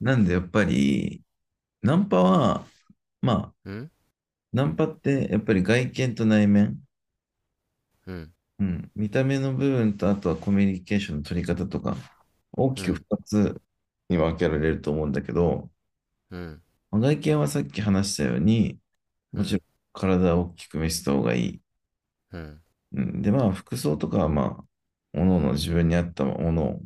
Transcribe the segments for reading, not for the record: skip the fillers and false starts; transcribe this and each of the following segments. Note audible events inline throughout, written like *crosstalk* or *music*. なんでやっぱり、ナンパは、まあ、うん。ナンパってやっぱり外見と内面、うん。うん、見た目の部分とあとはコミュニケーションの取り方とか、大きうくん。2つに分けられると思うんだけど、うん。まあ外見はさっき話したように、うもちろん。ん体を大きく見せた方がいい。うん。うん、で、まあ、服装とかはまあ、おのおの自分に合ったものを、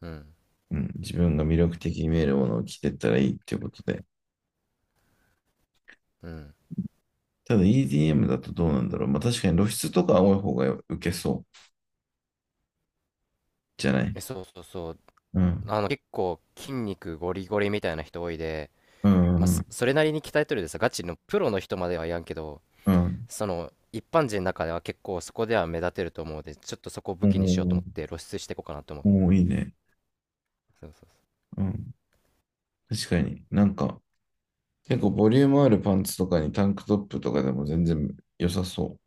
うん。うん、自分が魅力的に見えるものを着ていったらいいっていうことで。うん。ただ EDM だとどうなんだろう。まあ確かに露出とかは多い方が受けそうじゃない。え、そうそうそう。うん。あの、結構筋肉ゴリゴリみたいな人多いで、うまあ、そん。それなりに鍛えとるでさ、ガチのプロの人まではやんけど、うん。その一般人の中では結構そこでは目立てると思うので、ちょっとそこを武う器にしようと思ん。って露出していこうかなと思うおーおー、いいね。そう。そうそううん。確かに。なんか、結構ボリュームあるパンツとかにタンクトップとかでも全然良さそ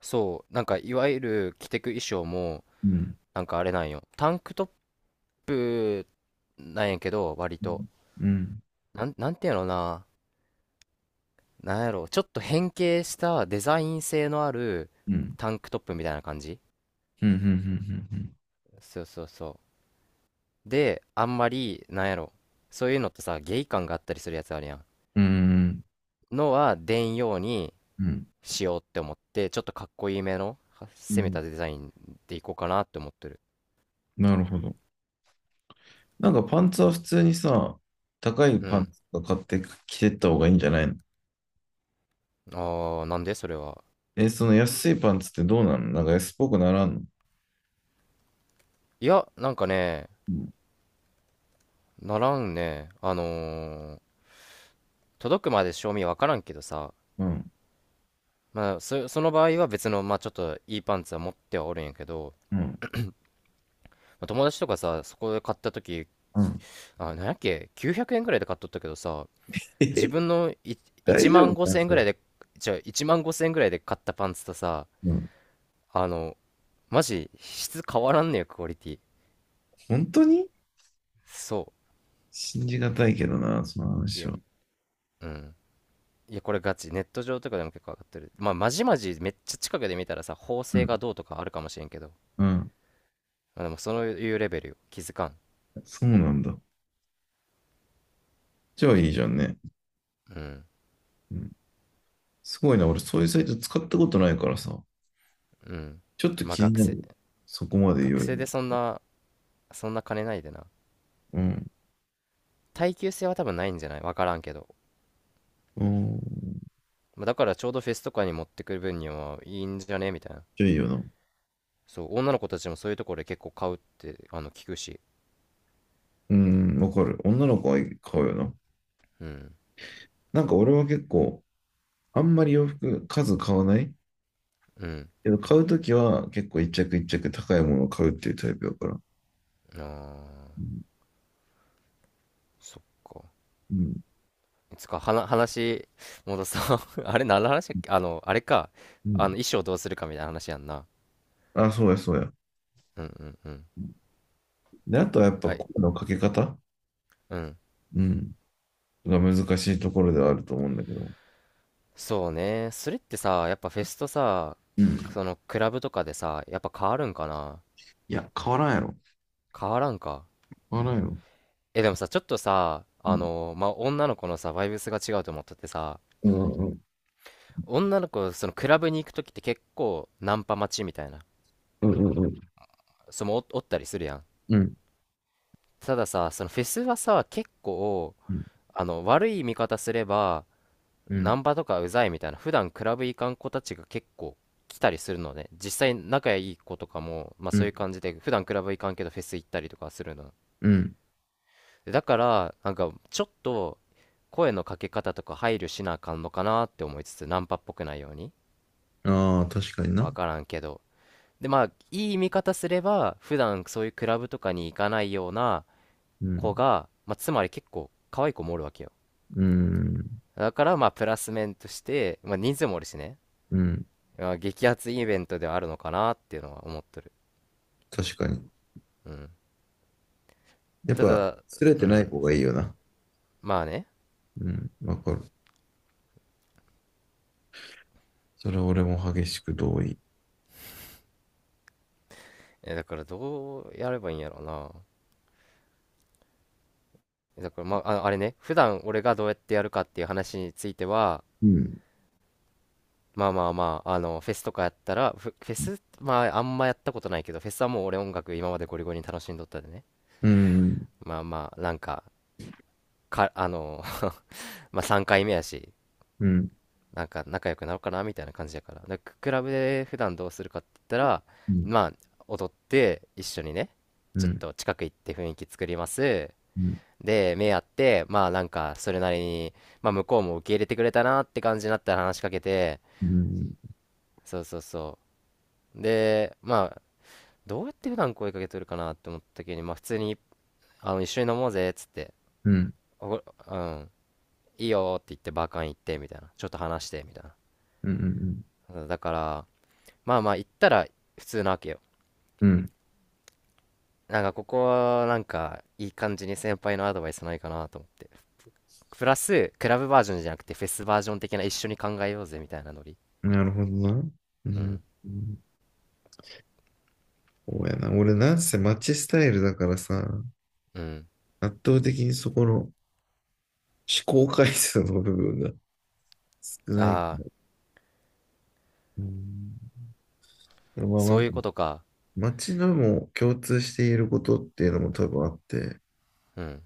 そう。なんか、いわゆる着てく衣装も、う。うん。なんかあれなんよ、タンクトップなんやけど、割うとん。うん。なんていうのかな、なんやろう、ちょっと変形したデザイン性のあるうん。タンクトップみたいな感じ。うん。うん。そうそうそう。で、あんまり、なんやろ、そういうのってさ、ゲイ感があったりするやつあるやん。うん。のは出んようにうん。しようって思って、ちょっとかっこいいめの、はう攻めん。たデザインでいこうかなって思ってる。なるほど。なんかパンツは普通にさ、高いうパンん。ツとか買って着てった方がいいんじゃないの？あー、なんでそれは。え、その安いパンツってどうなの？なんか安っぽくならんの？いや、なんかね、うん。ならんね。あのー、届くまで賞味わからんけどさ、うん。まあ、その場合は別の、まあちょっといいパンツは持ってはおるんやけど、うん。友達とかさ、そこで買った時、うん。あ、なんやっけ、900円ぐらいで買っとったけどさ、自え。 分のい *laughs* 大1丈万夫か5千円そぐれ。らいで、じゃあ1万5千円ぐらいで買ったパンツとさ、うん。あの、マジ質変わらんねよ、クオリティ。本当にそ信じがたいけどな、そのう。い話や、は。うん。いや、これガチ。ネット上とかでも結構上がってる。まあ、まじまじめっちゃ近くで見たらさ、縫う製ん。がどうとかあるかもしれんけど。うん。まあ、でも、そういうレベルよ。気づかん。そうなんだ。じゃあいいじゃんね。うん。うん。すごいな。俺、そういうサイト使ったことないからさ。うん。ちょっとまあ、気になる。そこまで言学うよ生でり。そんな、そんな金ないでな。うん。耐久性は多分ないんじゃないわからんけど。うん。まあだからちょうどフェスとかに持ってくる分にはいいんじゃねみたいな。じゃあいいよな。そう、女の子たちもそういうところで結構買うって、あの、聞くし。うん。わかる。女の子は買うよな。うん。なんか俺は結構、あんまり洋服数買わないうん。けど、買うときは結構一着一着高いものを買うっていうタイプだから。あー、うん。そっか。うん。つか、はな、話、戻そう。*laughs* あれ、何の話だっけ、あの、あれか。うあの、ん。衣装どうするかみたいな話やんな。あ、そうや、そうや。うんうんうん。で、あとはやっぱは声い。のかけ方。うん。うん。が難しいところではあると思うんだけど。そうね。それってさ、やっぱフェスとさ、うん。その、クラブとかでさ、やっぱ変わるんかな。いや、変わらんやろ。変わらんか。変わらんやろ。え、でもさ、ちょっとさ、うあん。の、まあ、女の子のさ、バイブスが違うと思っててさ、うん。うん。女の子、そのクラブに行くときって結構ナンパ待ちみたいな、うん。おったりするやん。うん、たださ、そのフェスはさ、結構、うん、あの、悪い見方すれば、うナん、ンパとかうざいみたいな、普段クラブ行かん子たちが結構来たりするのね。実際仲いい子とかも、まあうそういん、う感じで、普段クラブ行かんけどフェス行ったりとかするのね。うん。だからなんかちょっと声のかけ方とか配慮しなあかんのかなって思いつつ、ナンパっぽくないように、ああ、確かにわな。からんけど。で、まあいい見方すれば、普段そういうクラブとかに行かないようなう子ん、が、まあ、つまり結構可愛い子もおるわけよ。うん、だからまあプラス面として、まあ、人数もおるしね、うん、まあ、激アツイベントではあるのかなっていうのは思っとる。確かに。うん。やったぱ、だ、すれうてないん、方がいいよな。まあね。うん、わかる。それは俺も激しく同意。え、だからどうやればいいんやろうな。だからまあ、あのあれね、普段俺がどうやってやるかっていう話については、うん。まあまあまあ、あの、フェスとかやったら、フェス、まああんまやったことないけど、フェスはもう俺音楽今までゴリゴリに楽しんどったでね。うん、まあまあ、なんか、あの、*laughs* まあ3回目やし、うん、なんか仲良くなろうかなみたいな感じやから。で、クラブで普段どうするかって言ったら、うん、まあ、踊って一緒にね、うちょっん、と近く行って雰囲気作ります。うん、で、目合って、まあなんか、それなりに、まあ向こうも受け入れてくれたなって感じになったら話しかけて、うん、うん、そうそうそう。で、まあ、どうやって普段声かけとるかなって思った時に、まあ普通に、あの、一緒に飲もうぜっつって、うん、お、うん、いいよって言ってバーカン行ってみたいな、ちょっと話してみたいな。だから、まあまあ行ったら普通なわけよ。うん、なんかここはなんかいい感じに先輩のアドバイスないかなと思って。プラス、クラブバージョンじゃなくてフェスバージョン的な一緒に考えようぜみたいなノリ。うん、なるほどな。ううん、ん。うん、そうやな。俺なんせマッチスタイルだからさ、うん。圧倒的にそこの思考回数の部分が少ない。ああ、うん。まあまそあ、ういうことか。街のも共通していることっていうのも多分あって、うん。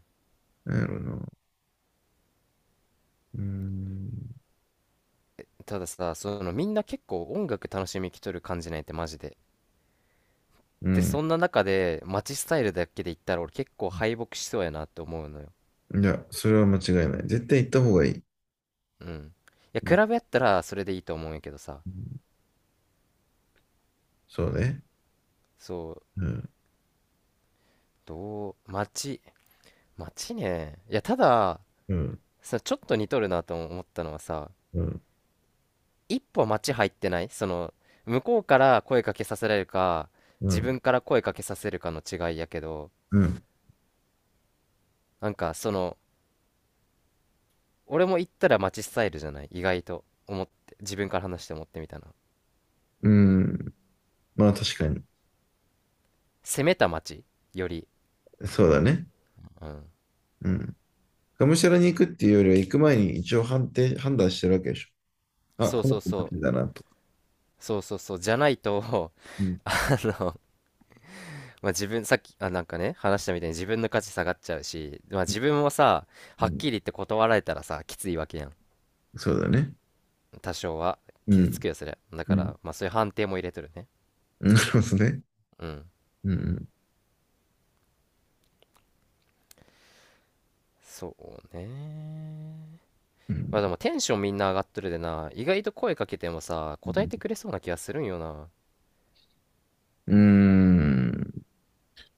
なんやろな。うーん。たださ、そのみんな結構音楽楽しみきとる感じないってマジで。うで、そん。んな中で街スタイルだけで言ったら俺結構敗北しそうやなって思うのよ。いや、それは間違いない。絶対行った方がいい。うん。いや、う比ん。べやったらそれでいいと思うんやけどさ。そうね。そう、うん。どう、街、街ね。いや、ただ、うん。さ、ちょっと似とるなと思ったのはさ、うん。一歩街入ってないその、向こうから声かけさせられるか、う自ん。分から声かけさせるかの違いやけど、うん。なんかその、俺も行ったら街スタイルじゃない意外と思って自分から話して思ってみたな。うん。まあ確かに。攻めた街より、そうだね。うん、うん。がむしゃらに行くっていうよりは、行く前に一応判断してるわけでしょ。あ、そうこのそう子マそジだなと。うそうそうそうじゃないと *laughs* うん。あの、まあ、自分さっきなんかね話したみたいに自分の価値下がっちゃうし、まあ、うん。自分もさ、うはっん。きり言って断られたらさきついわけやん。そうだね。多少はう傷つん。くよそれ。だうかん。らまあそういう判定も入れとるね。なるほど *laughs* ね。うん。うん。そうね。うまん。あでもテンションみんな上がっとるでな、意外と声かけてもさう答えん。てくれそうな気がするんよな。うーん。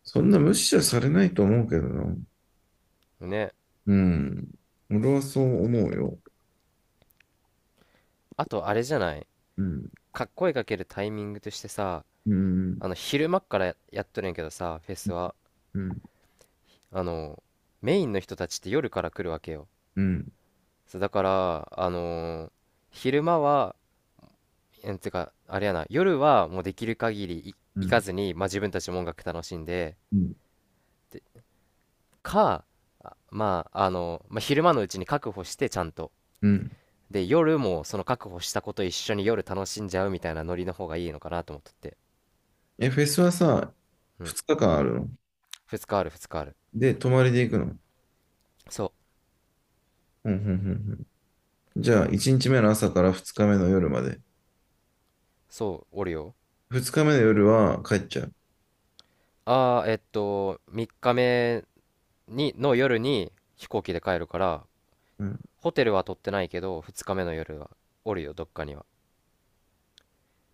そんな無視はされないと思うけどな。ね、うん。俺はそう思うよ。あとあれじゃないうん。か、声かけるタイミングとしてさ、うん。あの、昼間っからやっとるんやけどさフェスは、うん。あの、メインの人たちって夜から来るわけよ。うん。そうだから、あのー、昼間は、えんてかあれやな、夜はもうできる限りう行かん。ずに、まあ、自分たちも音楽楽しんで、うん。かまああの、まあ、昼間のうちに確保してちゃんと、うん。で夜もその確保したこと一緒に夜楽しんじゃうみたいなノリの方がいいのかなと思っとって。え、フェスはさ、うん。2日間あるの？2日ある、2日ある。で、泊まりで行くの？そううん。うん。うん。うん。じゃあ、1日目の朝から2日目の夜まで。そう、おるよ。二日目の夜は帰っちゃう？ああ、えっと、3日目の夜に飛行機で帰るから、うん。ホテルは取ってないけど、2日目の夜はおるよ、どっかには。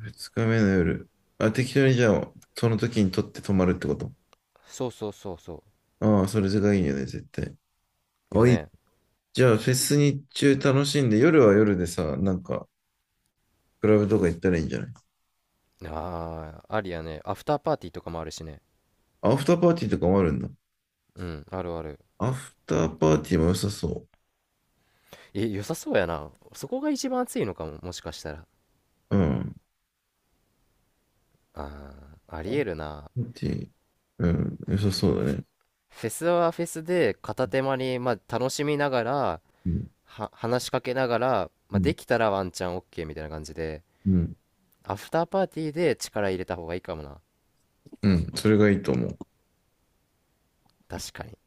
二日目の夜。あ、適当にじゃあ、その時に取って泊まるってこと。そうそうそうそああ、それがいいよね、絶対。う。よあ、いい。ね。じゃあ、フェス日中楽しんで、夜は夜でさ、なんか、クラブとか行ったらいいんじゃない？ああ、ありやね。アフターパーティーとかもあるしね。アフターパーティーとかもあるんだ。うん、あるある。アフターパーティーも良さそえ、良さそうやな。そこが一番暑いのかも、もしかしたら。う。うん。あアフタあ、ありえるな。ーパーティー、うん、良さそうだね。フェスはフェスで片手間に、まあ、楽しみながら、うん、話しかけながら、まうあ、ん、できたらワンチャン OK みたいな感じで。うん、アフターパーティーで力入れた方がいいかもな。うん、それがいいと思う。確かに。